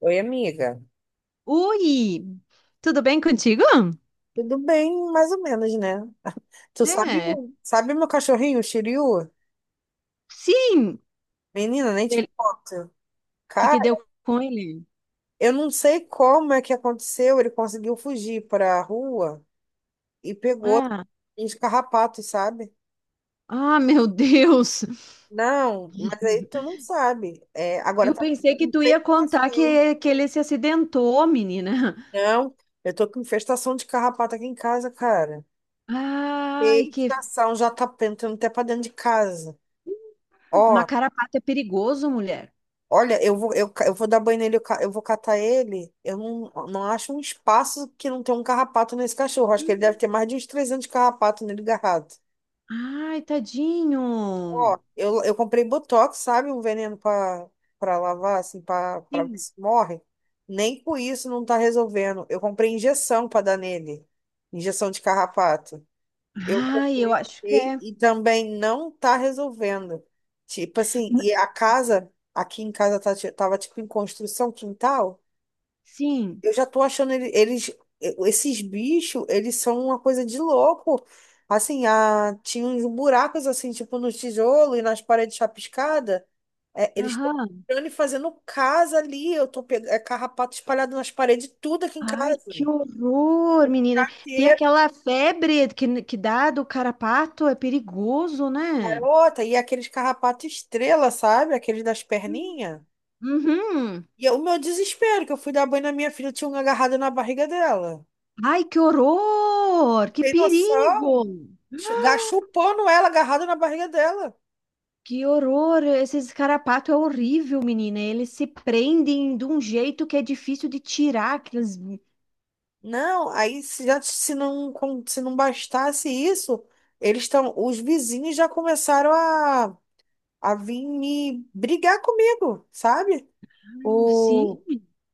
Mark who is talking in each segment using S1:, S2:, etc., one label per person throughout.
S1: Oi, amiga.
S2: Oi, tudo bem contigo?
S1: Tudo bem, mais ou menos, né? Tu sabe,
S2: É,
S1: sabe meu cachorrinho, o Shiryu?
S2: sim.
S1: Menina, nem te
S2: Ele-
S1: conto.
S2: O que que deu
S1: Cara,
S2: com ele?
S1: eu não sei como é que aconteceu. Ele conseguiu fugir para a rua e pegou
S2: Ah,
S1: uns carrapatos, sabe?
S2: ah, meu Deus.
S1: Não, mas aí tu não sabe. É, agora
S2: Eu
S1: tá
S2: pensei
S1: com
S2: que tu ia contar
S1: infestação.
S2: que ele se acidentou, menina.
S1: Não, eu tô com infestação de carrapato aqui em casa, cara.
S2: Ai, que
S1: Infestação já tá entrando até pra dentro de casa.
S2: uma
S1: Ó,
S2: carapata é perigoso, mulher.
S1: Olha, eu vou dar banho nele, eu vou catar ele. Eu não acho um espaço que não tem um carrapato nesse cachorro. Acho que ele deve ter mais de uns 300 carrapatos nele garrado.
S2: Ai, tadinho.
S1: Ó, eu comprei Botox, sabe? Um veneno pra lavar, assim, pra ver
S2: Sim.
S1: se morre. Nem com isso não tá resolvendo. Eu comprei injeção pra dar nele. Injeção de carrapato. Eu
S2: Ai, eu
S1: comprei
S2: acho que é.
S1: e também não tá resolvendo. Tipo assim, e
S2: N-
S1: a casa, aqui em casa tava tipo em construção, quintal.
S2: Sim.
S1: Eu já tô achando eles, esses bichos, eles são uma coisa de louco. Assim, tinha uns buracos assim, tipo no tijolo e nas paredes chapiscadas. É, eles estão
S2: Aham.
S1: entrando e fazendo casa ali. Eu tô pegando carrapato espalhado nas paredes, tudo aqui em
S2: Ai,
S1: casa.
S2: que horror, menina. Tem
S1: Carteira,
S2: aquela febre que dá do carrapato, é perigoso, né?
S1: garota, e aqueles carrapato estrela, sabe? Aqueles das perninhas.
S2: Uhum.
S1: E é o meu desespero, que eu fui dar banho na minha filha, tinha um agarrado na barriga dela.
S2: Ai, que horror!
S1: Não
S2: Que
S1: tem
S2: perigo!
S1: noção? Chupando ela, agarrado na barriga dela.
S2: Que horror! Esses carrapatos é horrível, menina. Eles se prendem de um jeito que é difícil de tirar. Aqueles...
S1: Não, aí se já se não com- se não bastasse isso, os vizinhos já começaram a vir me brigar comigo, sabe?
S2: Sim.
S1: O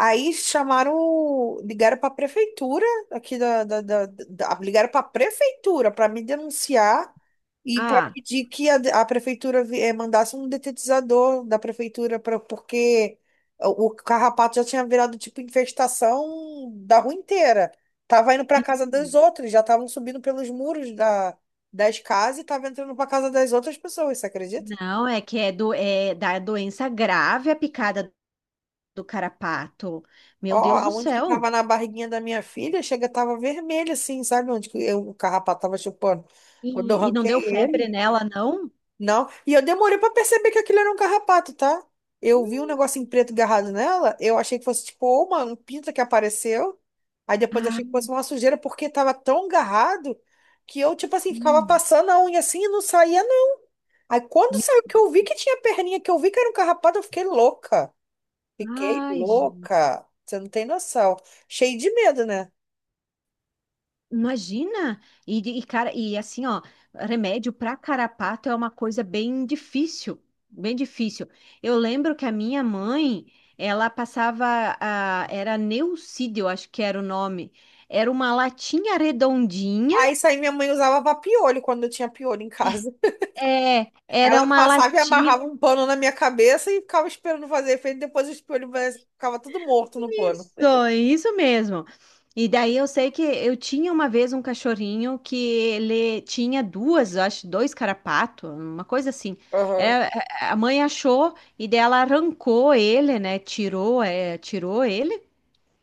S1: Aí ligaram para a prefeitura aqui da, da, da- da- ligaram para a prefeitura para me denunciar e para
S2: Ah,
S1: pedir que a prefeitura mandasse um detetizador da prefeitura porque o carrapato já tinha virado tipo infestação da rua inteira. Tava indo para casa
S2: sim.
S1: das outras, já estavam subindo pelos muros das casas e tava entrando para casa das outras pessoas, você acredita?
S2: Não, é que é, é da doença grave a picada do carrapato.
S1: Ó,
S2: Meu Deus do
S1: aonde que
S2: céu!
S1: tava na barriguinha da minha filha, chega, tava vermelho assim, sabe onde que o carrapato tava chupando? Quando eu
S2: E não
S1: arranquei
S2: deu febre
S1: ele,
S2: nela, não?
S1: não. E eu demorei pra perceber que aquilo era um carrapato, tá? Eu vi um negócio em preto agarrado nela, eu achei que fosse tipo, ô, mano, um pinto que apareceu. Aí depois
S2: Ah,
S1: achei que fosse uma sujeira, porque tava tão agarrado que eu, tipo assim, ficava
S2: sim.
S1: passando a unha assim e não saía, não. Aí quando
S2: Me-
S1: saiu que eu vi que tinha perninha, que eu vi que era um carrapato, eu fiquei louca. Fiquei
S2: Ai, gente,
S1: louca. Você não tem noção. Cheio de medo, né?
S2: imagina! Cara, e assim, ó, remédio para carrapato é uma coisa bem difícil, bem difícil. Eu lembro que a minha mãe, ela passava, a, era Neucídio, eu acho que era o nome. Era uma latinha redondinha,
S1: Aí saí, minha mãe usava pra piolho quando eu tinha piolho em casa.
S2: é, era
S1: Ela
S2: uma
S1: passava e
S2: latinha.
S1: amarrava um pano na minha cabeça e ficava esperando fazer efeito. Depois os piolhos ficava tudo morto no pano.
S2: Isso mesmo. E daí eu sei que eu tinha uma vez um cachorrinho que ele tinha duas, eu acho, dois carapatos, uma coisa assim.
S1: Aham,
S2: É, a mãe achou e daí ela arrancou ele, né? Tirou, é, tirou ele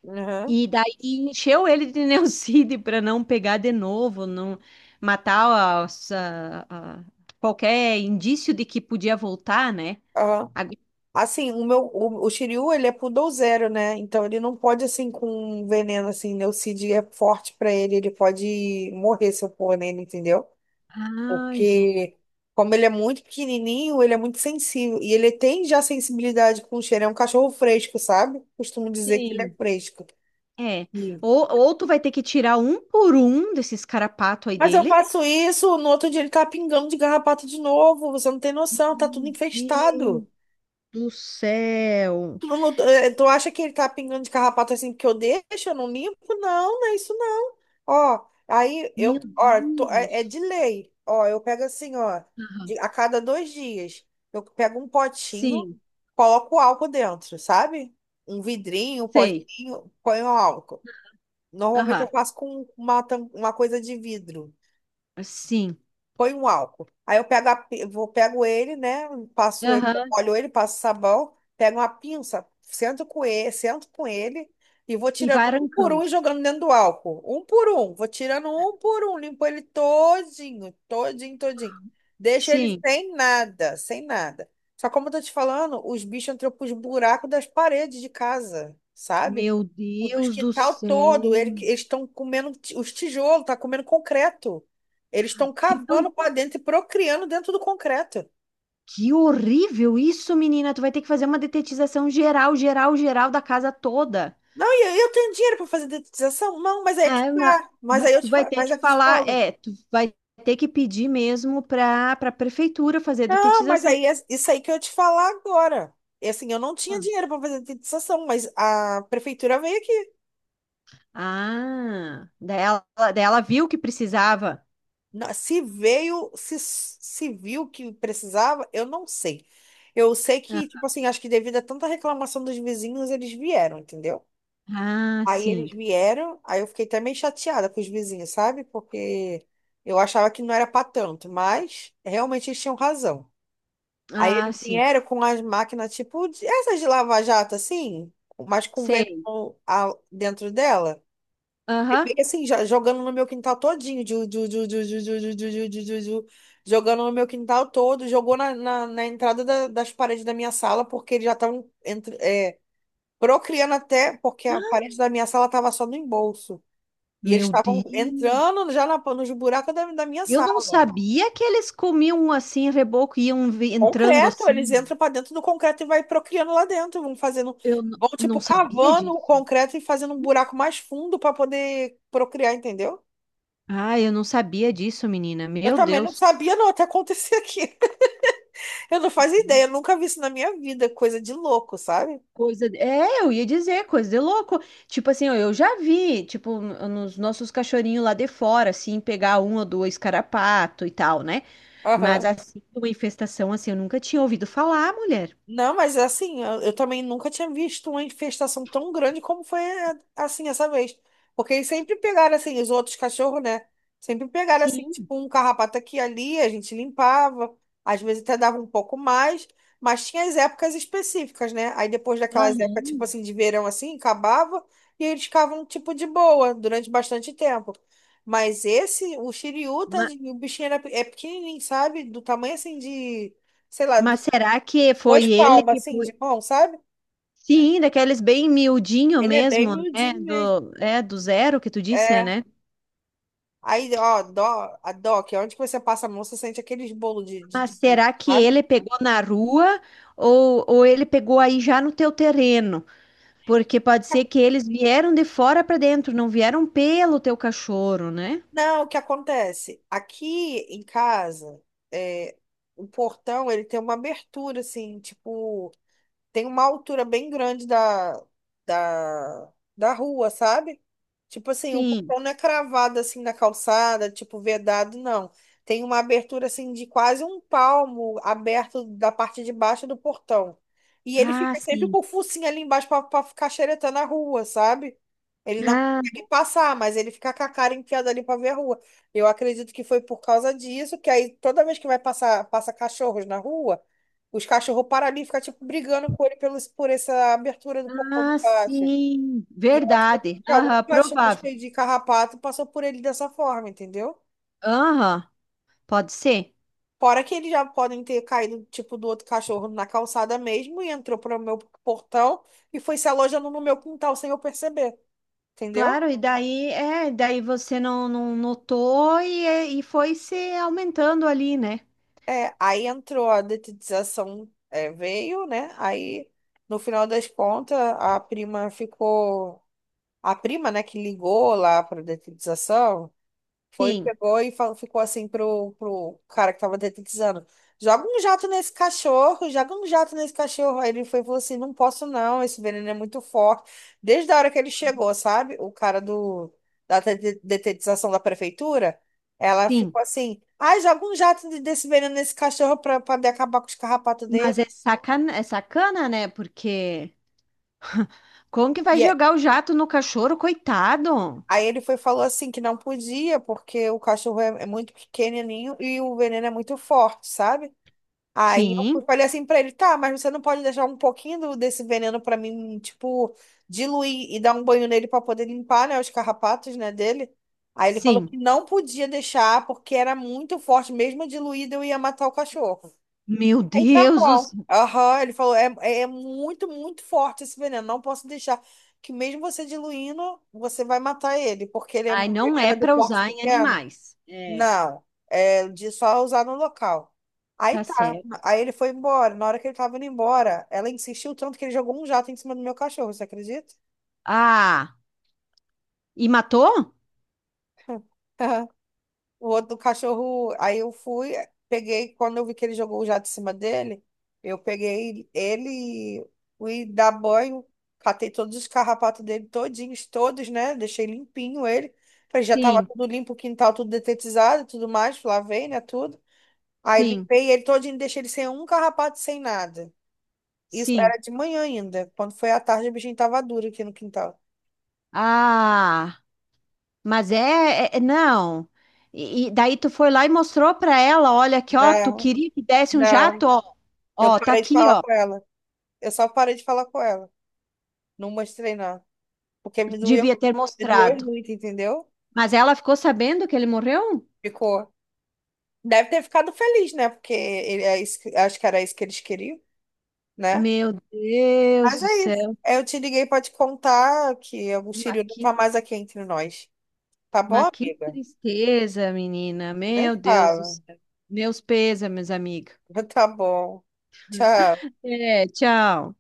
S1: aham,
S2: e daí encheu ele de neucídio para não pegar de novo, não matar qualquer indício de que podia voltar, né?
S1: aham.
S2: Agora-
S1: Assim, o Shiryu, ele é poodle, né? Então ele não pode, assim, com veneno, assim, Neucid é forte pra ele pode morrer se eu pôr nele, entendeu?
S2: Ai, gente.
S1: Porque, como ele é muito pequenininho, ele é muito sensível. E ele tem já sensibilidade com o cheiro. É um cachorro fresco, sabe? Costumo dizer que ele é fresco.
S2: É.
S1: Sim.
S2: Ou tu vai ter que tirar um por um desses carapatos aí
S1: Mas eu
S2: dele.
S1: faço isso, no outro dia ele tá pingando de garrapato de novo. Você não tem noção, tá tudo
S2: Meu Deus
S1: infestado.
S2: do céu.
S1: Tu, não- eh, tu acha que ele tá pingando de carrapato assim porque eu deixo, eu não limpo? Não, não é isso. Ó, aí eu,
S2: Meu
S1: ó, tô- é
S2: Deus.
S1: de lei. Ó, eu pego assim, ó,
S2: Aham.
S1: a cada 2 dias, eu pego um potinho,
S2: Sim,
S1: coloco álcool dentro, sabe? Um vidrinho, um
S2: sei.
S1: potinho, ponho álcool. Normalmente eu
S2: Aham.
S1: faço com uma coisa de vidro.
S2: Sim.
S1: Põe um álcool. Aí eu pego, a pi- vou, pego ele, né? Passo ele,
S2: Aham.
S1: molho ele, passo sabão, pego uma pinça, sento com ele e vou
S2: E
S1: tirando
S2: vai
S1: um por um e
S2: arrancando.
S1: jogando dentro do álcool. Um por um. Vou tirando um por um, limpo ele todinho, todinho, todinho. Deixo ele
S2: Sim.
S1: sem nada, sem nada. Só como eu tô te falando, os bichos entram pros buracos das paredes de casa, sabe?
S2: Meu
S1: O do
S2: Deus do
S1: quintal
S2: céu.
S1: todo, eles estão comendo os tijolos, tá comendo concreto. Eles estão
S2: Que, doi-
S1: cavando para dentro e procriando dentro do concreto.
S2: que horrível isso, menina. Tu vai ter que fazer uma detetização geral, geral, geral da casa toda.
S1: Não, e aí eu tenho dinheiro para fazer dedetização? Não, mas aí é que
S2: Ah, ma-
S1: tá. Mas aí
S2: mas
S1: eu
S2: tu
S1: te,
S2: vai
S1: fa-
S2: ter
S1: mas é
S2: que
S1: que eu te
S2: falar,
S1: falo.
S2: é, tu vai ter que pedir mesmo para a prefeitura fazer a
S1: Não, mas
S2: detetização.
S1: aí é isso aí que eu te falar agora. E assim, eu não tinha dinheiro para fazer dedetização, mas a prefeitura veio aqui.
S2: Ah, daí ela viu que precisava.
S1: Se veio, se viu que precisava, eu não sei. Eu sei que,
S2: Ah,
S1: tipo assim, acho que devido a tanta reclamação dos vizinhos, eles vieram, entendeu?
S2: ah,
S1: Aí
S2: sim.
S1: eles vieram, aí eu fiquei até meio chateada com os vizinhos, sabe? Porque eu achava que não era para tanto, mas realmente eles tinham razão. Aí
S2: Ah,
S1: eles
S2: sim.
S1: vieram com as máquinas, tipo, essas de lava-jato, assim, mas com vento
S2: Sei.
S1: dentro dela. E
S2: Aham.
S1: fica assim, jogando no meu quintal todinho, ju, ju, ju, ju, ju, ju, ju, ju, ju, ju, ju, ju, jogando no meu quintal todo, jogou na entrada das paredes da minha sala, porque eles já estavam procriando até, porque a parede da minha sala estava só no embolso. E eles
S2: Meu
S1: estavam
S2: Deus.
S1: entrando já nos buracos da minha
S2: Eu não
S1: sala.
S2: sabia que eles comiam assim, reboco, e iam entrando
S1: Concreto, eles
S2: assim.
S1: entram para dentro do concreto e vai procriando lá dentro, vão fazendo,
S2: Eu
S1: vão
S2: não
S1: tipo
S2: sabia
S1: cavando o
S2: disso.
S1: concreto e fazendo um buraco mais fundo para poder procriar, entendeu?
S2: Ah, eu não sabia disso, menina.
S1: Eu
S2: Meu
S1: também não
S2: Deus.
S1: sabia não até acontecer aqui. Eu não fazia ideia, eu nunca vi isso na minha vida, coisa de louco, sabe?
S2: Coisa. É, eu ia dizer, coisa de louco. Tipo assim, ó, eu já vi, tipo, nos nossos cachorrinhos lá de fora, assim, pegar um ou dois carrapato e tal, né? Mas
S1: Aham.
S2: assim, uma infestação assim, eu nunca tinha ouvido falar, mulher.
S1: Não, mas assim, eu também nunca tinha visto uma infestação tão grande como foi assim essa vez. Porque eles sempre pegaram assim, os outros cachorros, né? Sempre pegaram assim,
S2: Sim.
S1: tipo, um carrapato aqui e ali, a gente limpava, às vezes até dava um pouco mais, mas tinha as épocas específicas, né? Aí depois daquelas épocas, tipo
S2: Aham.
S1: assim, de verão assim, acabava e eles ficavam, tipo, de boa durante bastante tempo. Mas esse, o Shiryu,
S2: Ma-
S1: tadinho, o bichinho é pequenininho, sabe? Do tamanho assim de sei lá,
S2: Mas, será que
S1: duas
S2: foi ele
S1: palmas,
S2: que
S1: assim, de
S2: foi?
S1: mão, sabe?
S2: Sim, daqueles bem miudinho
S1: Ele é bem
S2: mesmo, né?
S1: miudinho mesmo.
S2: Do, é, do zero que tu disse,
S1: É.
S2: né?
S1: Aí, ó, dó, a DOC, onde que você passa a mão, você sente aqueles bolos de, de,
S2: Mas
S1: de bicho,
S2: será que
S1: sabe?
S2: ele pegou na rua ou ele pegou aí já no teu terreno? Porque pode ser que eles vieram de fora para dentro, não vieram pelo teu cachorro, né?
S1: Não, o que acontece? Aqui em casa, é, o portão, ele tem uma abertura, assim, tipo... tem uma altura bem grande da rua, sabe? Tipo assim, o
S2: Sim.
S1: portão não é cravado assim na calçada, tipo vedado, não. Tem uma abertura assim de quase um palmo aberto da parte de baixo do portão. E ele
S2: Ah,
S1: fica sempre
S2: sim.
S1: com o focinho ali embaixo pra ficar xeretando a rua, sabe? Ele não
S2: Ah,
S1: consegue passar, mas ele fica com a cara enfiada ali pra ver a rua. Eu acredito que foi por causa disso, que aí toda vez que vai passar, passa cachorros na rua. Os cachorros param ali e ficam, tipo, brigando com ele por essa abertura do portão de
S2: ah,
S1: baixo.
S2: sim.
S1: E eu acredito
S2: Verdade.
S1: que algum
S2: Aham,
S1: cachorro
S2: provável.
S1: cheio de carrapato passou por ele dessa forma, entendeu?
S2: Aham, pode ser.
S1: Fora que eles já podem ter caído, tipo, do outro cachorro na calçada mesmo e entrou para o meu portão e foi se alojando no meu quintal sem eu perceber, entendeu?
S2: Claro, e daí, é, daí você não, não notou e, e foi se aumentando ali, né?
S1: É, aí entrou a detetização, é, veio, né? Aí, no final das contas, A prima, né, que ligou lá para a detetização, foi,
S2: Sim,
S1: pegou e falou, ficou assim pro cara que tava detetizando. Joga um jato nesse cachorro, joga um jato nesse cachorro. Aí ele foi e falou assim: não posso não, esse veneno é muito forte. Desde a hora que ele chegou, sabe? O cara da detetização da prefeitura, ela
S2: sim.
S1: ficou assim: ai, joga um jato desse veneno nesse cachorro pra poder acabar com os carrapatos
S2: Mas
S1: dele.
S2: é sacana, né? Porque como que vai
S1: E é-
S2: jogar o jato no cachorro, coitado?
S1: Aí ele foi e falou assim: que não podia, porque o cachorro é muito pequenininho e o veneno é muito forte, sabe? Aí
S2: Sim,
S1: eu falei assim pra ele, tá, mas você não pode deixar um pouquinho desse veneno pra mim, tipo, diluir e dar um banho nele pra poder limpar, né, os carrapatos, né, dele. Aí ele falou que
S2: sim.
S1: não podia deixar porque era muito forte, mesmo diluído eu ia matar o cachorro.
S2: Meu
S1: Aí tá bom.
S2: Deus.
S1: Aham, ele falou, é é muito, muito forte esse veneno, não posso deixar. Que mesmo você diluindo, você vai matar ele, porque
S2: Ai,
S1: ele
S2: não é
S1: era do
S2: para
S1: porte
S2: usar em
S1: pequeno.
S2: animais. É.
S1: Não, é de só usar no local. Aí
S2: Tá
S1: tá,
S2: certo.
S1: aí ele foi embora. Na hora que ele tava indo embora, ela insistiu tanto que ele jogou um jato em cima do meu cachorro, você acredita?
S2: Ah, e matou?
S1: O outro cachorro, aí eu fui, peguei, quando eu vi que ele jogou o jato em cima dele, eu peguei ele, fui dar banho, catei todos os carrapatos dele todinhos, todos, né? Deixei limpinho ele. Falei, já tava
S2: Sim,
S1: tudo limpo, o quintal tudo detetizado, e tudo mais, lavei, né, tudo. Aí
S2: sim,
S1: limpei ele todinho, deixei ele sem um carrapato, sem nada. Isso
S2: sim.
S1: era de manhã ainda. Quando foi à tarde, o bichinho tava duro aqui no quintal.
S2: Ah, mas é, não. E daí tu foi lá e mostrou para ela, olha aqui, ó, tu
S1: Não,
S2: queria que desse um
S1: não.
S2: jato, ó.
S1: Eu
S2: Ó, tá
S1: parei de
S2: aqui,
S1: falar
S2: ó.
S1: com ela. Eu só parei de falar com ela. Não mostrei, não. Porque
S2: Devia ter
S1: me doeu
S2: mostrado.
S1: muito, entendeu?
S2: Mas ela ficou sabendo que ele morreu?
S1: Ficou. Deve ter ficado feliz, né? Porque ele, acho que era isso que eles queriam, né?
S2: Meu Deus
S1: Mas
S2: do
S1: é isso.
S2: céu.
S1: Eu te liguei pra te contar que o
S2: Mas
S1: Círio não
S2: que,
S1: tá mais aqui entre nós. Tá bom,
S2: mas que
S1: amiga?
S2: tristeza, menina.
S1: Nem
S2: Meu Deus do
S1: fala.
S2: céu. Meus pêsames, amiga.
S1: Tá bom. Tchau.
S2: Até. Tchau.